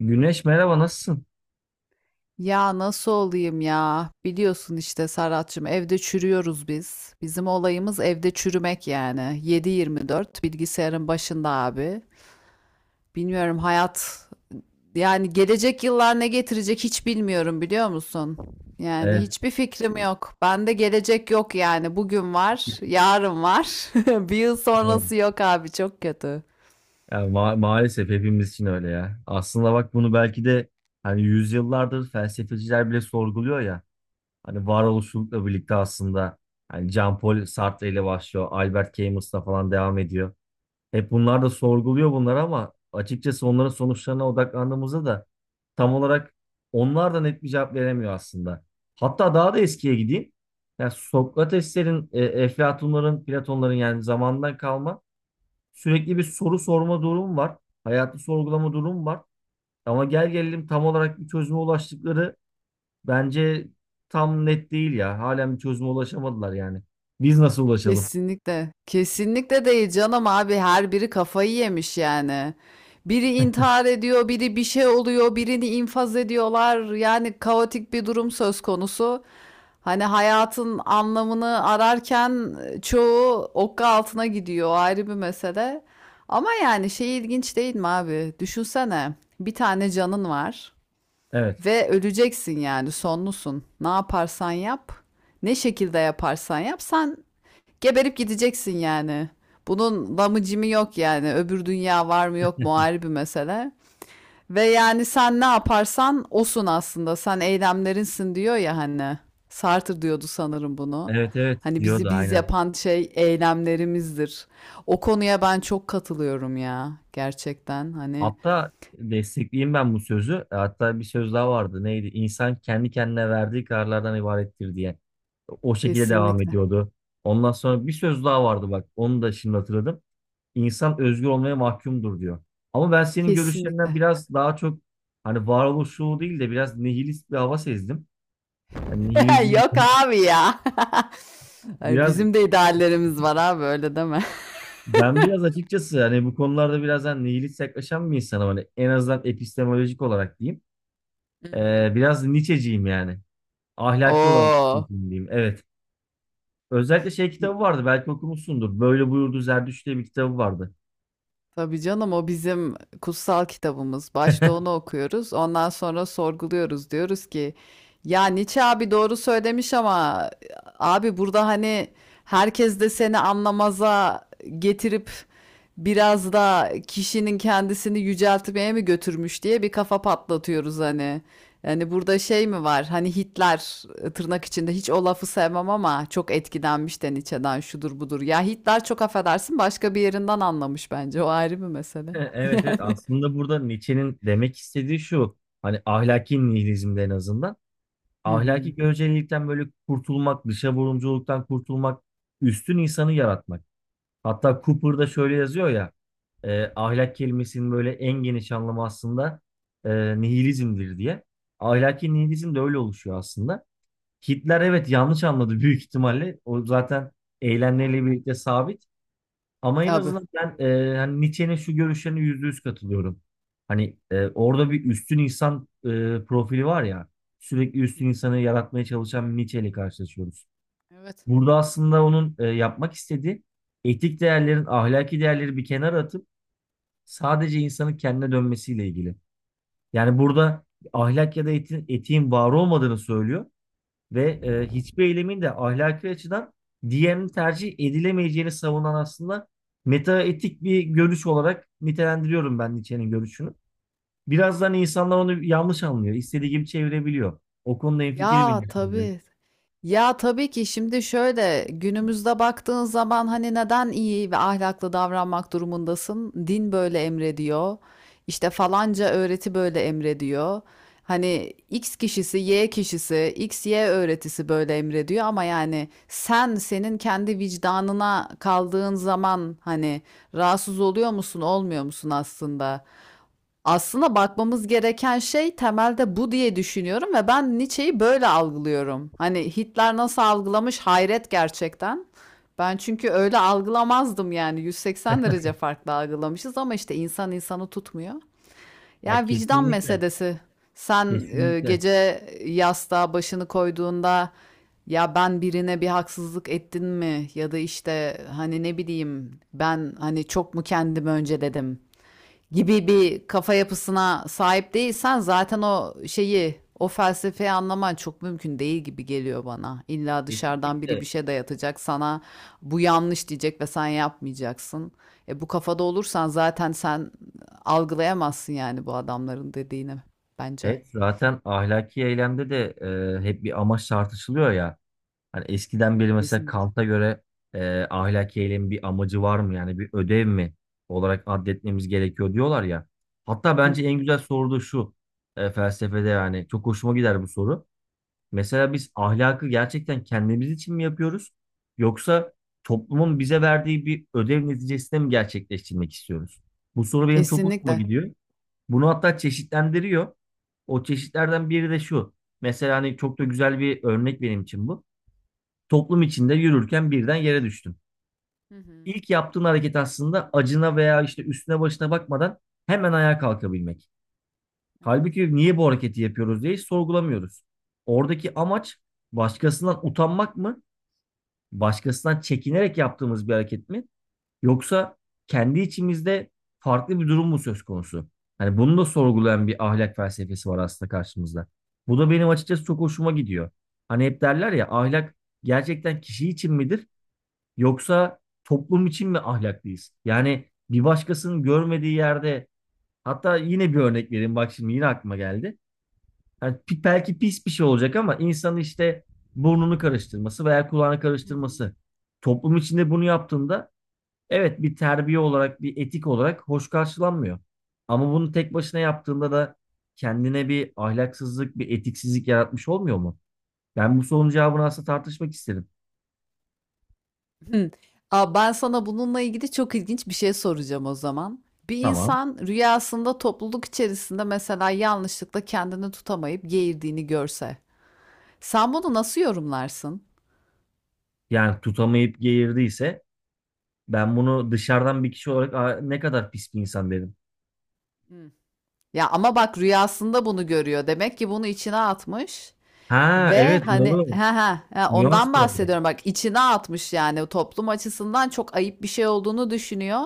Güneş, merhaba, nasılsın? Ya nasıl olayım ya? Biliyorsun işte Serhat'cığım evde çürüyoruz biz. Bizim olayımız evde çürümek yani. 7/24 bilgisayarın başında abi. Bilmiyorum hayat yani gelecek yıllar ne getirecek hiç bilmiyorum biliyor musun? Yani Evet. hiçbir fikrim yok. Bende gelecek yok yani. Bugün var, yarın var. Bir yıl Hayır. Aynen. sonrası yok abi çok kötü. Ya maalesef hepimiz için öyle ya. Aslında bak, bunu belki de hani yüzyıllardır felsefeciler bile sorguluyor ya. Hani varoluşçulukla birlikte aslında hani Jean-Paul Sartre ile başlıyor. Albert Camus'la falan devam ediyor. Hep bunlar da sorguluyor bunlar, ama açıkçası onların sonuçlarına odaklandığımızda da tam olarak onlar da net bir cevap veremiyor aslında. Hatta daha da eskiye gideyim. Yani Sokrateslerin, Eflatunların, Platonların, yani zamandan kalma sürekli bir soru sorma durum var. Hayatı sorgulama durum var. Ama gel gelelim, tam olarak bir çözüme ulaştıkları, bence tam net değil ya. Halen bir çözüme ulaşamadılar yani. Biz nasıl ulaşalım? Kesinlikle. Kesinlikle değil canım abi. Her biri kafayı yemiş yani. Biri intihar ediyor, biri bir şey oluyor, birini infaz ediyorlar. Yani kaotik bir durum söz konusu. Hani hayatın anlamını ararken çoğu okka altına gidiyor. O ayrı bir mesele. Ama yani şey ilginç değil mi abi? Düşünsene. Bir tane canın var Evet. ve öleceksin yani sonlusun. Ne yaparsan yap, ne şekilde yaparsan yap sen geberip gideceksin yani. Bunun lamı cimi yok yani. Öbür dünya var mı yok mu ayrı bir mesele. Ve yani sen ne yaparsan osun aslında. Sen eylemlerinsin diyor ya hani. Sartre diyordu sanırım bunu. Evet, evet, Hani bizi diyordu, biz aynen. yapan şey eylemlerimizdir. O konuya ben çok katılıyorum ya. Gerçekten hani Hatta destekleyeyim ben bu sözü. Hatta bir söz daha vardı. Neydi? İnsan kendi kendine verdiği kararlardan ibarettir diye. O şekilde devam kesinlikle. ediyordu. Ondan sonra bir söz daha vardı bak. Onu da şimdi hatırladım. İnsan özgür olmaya mahkumdur diyor. Ama ben senin görüşlerinden Kesinlikle. biraz daha çok hani varoluşçu değil de biraz nihilist bir hava sezdim. Yani nihilizm Yok abi ya. Ay, biraz, bizim de ideallerimiz var abi öyle deme. ben biraz açıkçası hani bu konularda biraz hani nihilist yaklaşan bir insanım. Hani en azından epistemolojik olarak diyeyim. Hı hı. Biraz Nietzsche'ciyim yani. Ahlaki olarak Oo. Nietzsche'ciyim diyeyim. Evet. Özellikle şey kitabı vardı, belki okumuşsundur. Böyle Buyurdu Zerdüşt diye bir kitabı vardı. Tabii canım o bizim kutsal kitabımız. Başta onu okuyoruz. Ondan sonra sorguluyoruz. Diyoruz ki ya Nietzsche abi doğru söylemiş ama abi burada hani herkes de seni anlamaza getirip biraz da kişinin kendisini yüceltmeye mi götürmüş diye bir kafa patlatıyoruz hani. Yani burada şey mi var? Hani Hitler tırnak içinde hiç o lafı sevmem ama çok etkilenmiş de Nietzsche'den şudur budur. Ya Hitler çok affedersin başka bir yerinden anlamış bence. O ayrı bir mesele. Evet, evet, Yani. aslında burada Nietzsche'nin demek istediği şu. Hani ahlaki nihilizmde en azından Hı hı. ahlaki görecelilikten böyle kurtulmak, dışa vurumculuktan kurtulmak, üstün insanı yaratmak. Hatta Cooper'da şöyle yazıyor ya, ahlak kelimesinin böyle en geniş anlamı aslında nihilizmdir diye. Ahlaki nihilizm de öyle oluşuyor aslında. Hitler evet yanlış anladı büyük ihtimalle. O zaten Ya. eylemleriyle birlikte sabit. Ama en Tabii. azından ben hani Nietzsche'nin şu görüşlerine %100 katılıyorum. Hani orada bir üstün insan profili var ya, sürekli Hı üstün hı. insanı yaratmaya çalışan bir Nietzsche ile karşılaşıyoruz. Evet. Burada aslında onun yapmak istediği etik değerlerin, ahlaki değerleri bir kenara atıp sadece insanın kendine dönmesiyle ilgili. Yani burada ahlak ya da etin, etiğin var olmadığını söylüyor ve hiçbir eylemin de ahlaki açıdan diğerinin tercih edilemeyeceğini savunan aslında metaetik bir görüş olarak nitelendiriyorum ben Nietzsche'nin görüşünü. Birazdan insanlar onu yanlış anlıyor, istediği gibi çevirebiliyor. O konuda hemfikirim yine. Ya tabii. Ya tabii ki şimdi şöyle günümüzde baktığın zaman hani neden iyi ve ahlaklı davranmak durumundasın? Din böyle emrediyor. İşte falanca öğreti böyle emrediyor. Hani X kişisi, Y kişisi, X, Y öğretisi böyle emrediyor ama yani sen senin kendi vicdanına kaldığın zaman hani rahatsız oluyor musun, olmuyor musun aslında? Aslında bakmamız gereken şey temelde bu diye düşünüyorum ve ben Nietzsche'yi böyle algılıyorum. Hani Hitler nasıl algılamış hayret gerçekten. Ben çünkü öyle algılamazdım yani 180 derece farklı algılamışız ama işte insan insanı tutmuyor. Ya Ya vicdan kesinlikle, meselesi. Sen kesinlikle, gece yastığa başını koyduğunda ya ben birine bir haksızlık ettin mi? Ya da işte hani ne bileyim ben hani çok mu kendimi önce dedim, gibi bir kafa yapısına sahip değilsen zaten o şeyi, o felsefeyi anlaman çok mümkün değil gibi geliyor bana. İlla dışarıdan biri bir kesinlikle. şey dayatacak sana bu yanlış diyecek ve sen yapmayacaksın. E bu kafada olursan zaten sen algılayamazsın yani bu adamların dediğini bence. Evet, zaten ahlaki eylemde de hep bir amaç tartışılıyor ya. Hani eskiden beri mesela Kesinlikle. Kant'a göre ahlaki eylemin bir amacı var mı? Yani bir ödev mi olarak addetmemiz gerekiyor diyorlar ya. Hatta Hı bence en hı. güzel soru da şu, felsefede, yani çok hoşuma gider bu soru. Mesela biz ahlakı gerçekten kendimiz için mi yapıyoruz? Yoksa toplumun bize verdiği bir ödev neticesinde mi gerçekleştirmek istiyoruz? Bu soru benim çok hoşuma Kesinlikle. gidiyor. Bunu hatta çeşitlendiriyor. O çeşitlerden biri de şu. Mesela hani çok da güzel bir örnek benim için bu. Toplum içinde yürürken birden yere düştüm. Hı hı. İlk yaptığın hareket aslında acına veya işte üstüne başına bakmadan hemen ayağa kalkabilmek. Evet. Halbuki niye bu hareketi yapıyoruz diye hiç sorgulamıyoruz. Oradaki amaç başkasından utanmak mı? Başkasından çekinerek yaptığımız bir hareket mi? Yoksa kendi içimizde farklı bir durum mu söz konusu? Hani bunu da sorgulayan bir ahlak felsefesi var aslında karşımızda. Bu da benim açıkçası çok hoşuma gidiyor. Hani hep derler ya, ahlak gerçekten kişi için midir? Yoksa toplum için mi ahlaklıyız? Yani bir başkasının görmediği yerde, hatta yine bir örnek vereyim bak, şimdi yine aklıma geldi. Yani belki pis bir şey olacak ama insanın işte burnunu karıştırması veya kulağını Hı hı. karıştırması. Toplum içinde bunu yaptığında evet bir terbiye olarak, bir etik olarak hoş karşılanmıyor. Ama bunu tek başına yaptığında da kendine bir ahlaksızlık, bir etiksizlik yaratmış olmuyor mu? Ben bu sorunun cevabını aslında tartışmak isterim. Hı. Aa, ben sana bununla ilgili çok ilginç bir şey soracağım o zaman. Bir Tamam. insan rüyasında topluluk içerisinde mesela yanlışlıkla kendini tutamayıp geğirdiğini görse, sen bunu nasıl yorumlarsın? Yani tutamayıp geğirdiyse ben bunu dışarıdan bir kişi olarak, "Aa, ne kadar pis bir insan," dedim. Hı. Ya ama bak rüyasında bunu görüyor. Demek ki bunu içine atmış. Ha, Ve evet, hani doğru. ha ha ha, Nüans ondan var orada. bahsediyorum bak içine atmış yani o toplum açısından çok ayıp bir şey olduğunu düşünüyor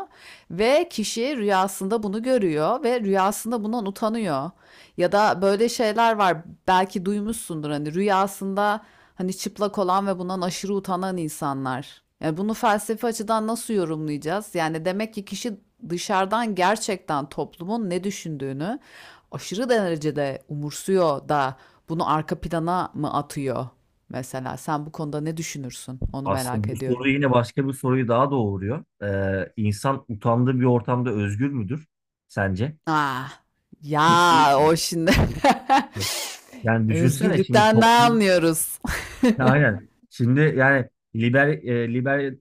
ve kişi rüyasında bunu görüyor ve rüyasında bundan utanıyor. Ya da böyle şeyler var belki duymuşsundur hani rüyasında hani çıplak olan ve bundan aşırı utanan insanlar. Yani bunu felsefi açıdan nasıl yorumlayacağız? Yani demek ki kişi dışarıdan gerçekten toplumun ne düşündüğünü aşırı derecede umursuyor da bunu arka plana mı atıyor mesela? Sen bu konuda ne düşünürsün? Onu merak Aslında bu soru ediyorum. yine başka bir soruyu daha doğuruyor. İnsan utandığı bir ortamda özgür müdür sence? Ah, ya Kesinlikle. o şimdi Yani düşünsene, şimdi özgürlükten ne toplum, anlıyoruz? aynen. Şimdi yani liber,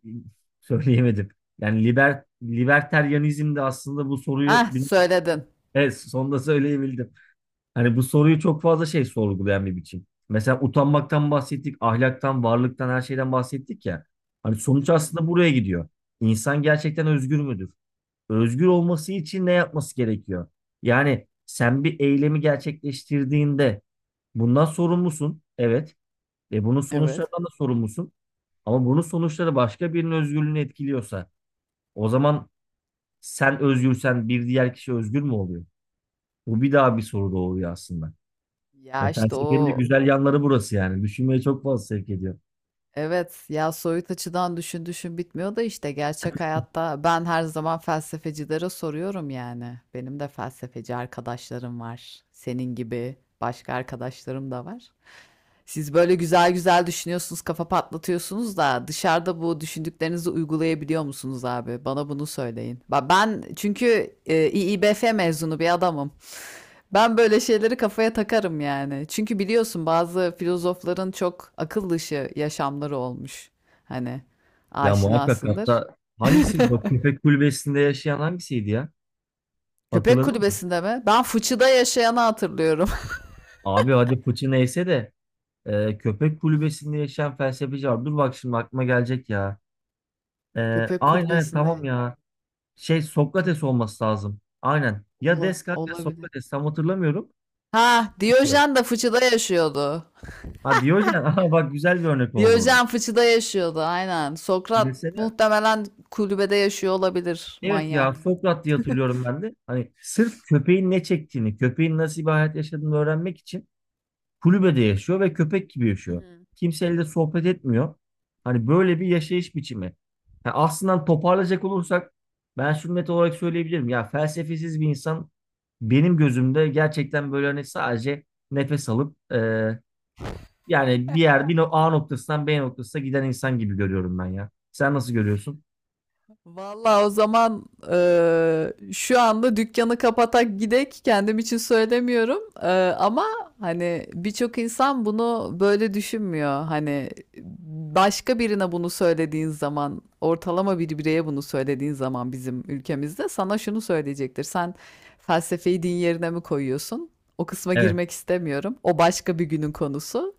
söyleyemedim. Yani liberteryanizm de aslında bu soruyu, Ah, söyledin. evet, sonunda söyleyebildim. Hani bu soruyu çok fazla şey sorgulayan bir biçim. Mesela utanmaktan bahsettik, ahlaktan, varlıktan, her şeyden bahsettik ya. Hani Hı sonuç hı. aslında buraya gidiyor. İnsan gerçekten özgür müdür? Özgür olması için ne yapması gerekiyor? Yani sen bir eylemi gerçekleştirdiğinde bundan sorumlusun. Evet. Ve bunun Evet. sonuçlarından da sorumlusun. Ama bunun sonuçları başka birinin özgürlüğünü etkiliyorsa, o zaman sen özgürsen bir diğer kişi özgür mü oluyor? Bu bir daha bir soru doğuruyor aslında. Ya, Ya işte felsefenin de o güzel yanları burası yani. Düşünmeye çok fazla sevk ediyor. evet ya soyut açıdan düşün düşün bitmiyor da işte gerçek hayatta ben her zaman felsefecilere soruyorum yani. Benim de felsefeci arkadaşlarım var. Senin gibi başka arkadaşlarım da var. Siz böyle güzel güzel düşünüyorsunuz, kafa patlatıyorsunuz da dışarıda bu düşündüklerinizi uygulayabiliyor musunuz abi? Bana bunu söyleyin. Ben çünkü İİBF mezunu bir adamım. Ben böyle şeyleri kafaya takarım yani. Çünkü biliyorsun bazı filozofların çok akıl dışı yaşamları olmuş. Hani Ya muhakkak, aşinasındır. hatta hangisiydi? Bak, köpek kulübesinde yaşayan hangisiydi ya? Köpek Hatırladın mı? kulübesinde mi? Ben fıçıda yaşayanı hatırlıyorum. Abi hadi fıçı neyse de köpek kulübesinde yaşayan felsefeci var. Dur bak, şimdi aklıma gelecek ya. E, Köpek aynen, evet, tamam kulübesinde. ya. Şey, Sokrates Köpek olması lazım. Aynen. Ya Descartes ya Olabilir. Sokrates, tam hatırlamıyorum. Şey Ha, diyor. Diyojen de fıçıda yaşıyordu. Ha, Diyojen. Aha bak, güzel bir örnek oldu o da. Diyojen fıçıda yaşıyordu aynen. Sokrat Mesela muhtemelen kulübede yaşıyor olabilir evet, ya manyak. Sokrat diye hatırlıyorum ben de. Hani sırf köpeğin ne çektiğini, köpeğin nasıl bir hayat yaşadığını öğrenmek için kulübede yaşıyor ve köpek gibi Hı yaşıyor. hı. Kimseyle de sohbet etmiyor. Hani böyle bir yaşayış biçimi. Ha, aslında hani toparlayacak olursak ben şunu net olarak söyleyebilirim. Ya felsefesiz bir insan benim gözümde gerçekten böyle hani sadece nefes alıp yani bir yer bir no- A noktasından B noktasına giden insan gibi görüyorum ben ya. Sen nasıl görüyorsun? Vallahi o zaman şu anda dükkanı kapatak gidek kendim için söylemiyorum. Ama hani birçok insan bunu böyle düşünmüyor hani başka birine bunu söylediğin zaman ortalama bir bireye bunu söylediğin zaman bizim ülkemizde sana şunu söyleyecektir: sen felsefeyi din yerine mi koyuyorsun? O kısma Evet. girmek istemiyorum, o başka bir günün konusu.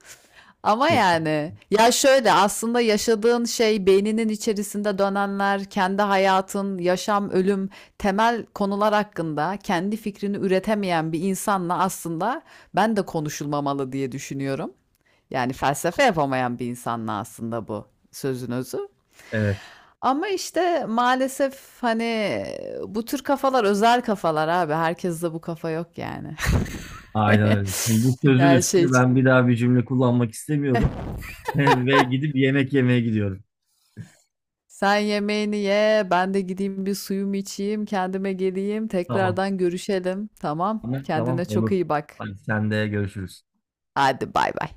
Ama yani ya şöyle aslında yaşadığın şey beyninin içerisinde dönenler, kendi hayatın, yaşam, ölüm, temel konular hakkında kendi fikrini üretemeyen bir insanla aslında ben de konuşulmamalı diye düşünüyorum. Yani felsefe yapamayan bir insanla aslında bu sözün özü. Evet. Ama işte maalesef hani bu tür kafalar özel kafalar abi. Herkes de bu kafa yok yani. Aynen öyle. Şimdi bu sözün Her şey. üstüne ben bir daha bir cümle kullanmak istemiyorum. Ve gidip yemek yemeye gidiyorum. Sen yemeğini ye, ben de gideyim bir suyumu içeyim, kendime geleyim, Tamam. tekrardan görüşelim. Tamam? Tamam, tamam, Kendine çok olur. iyi bak. Hadi, sen de görüşürüz. Hadi bay bay.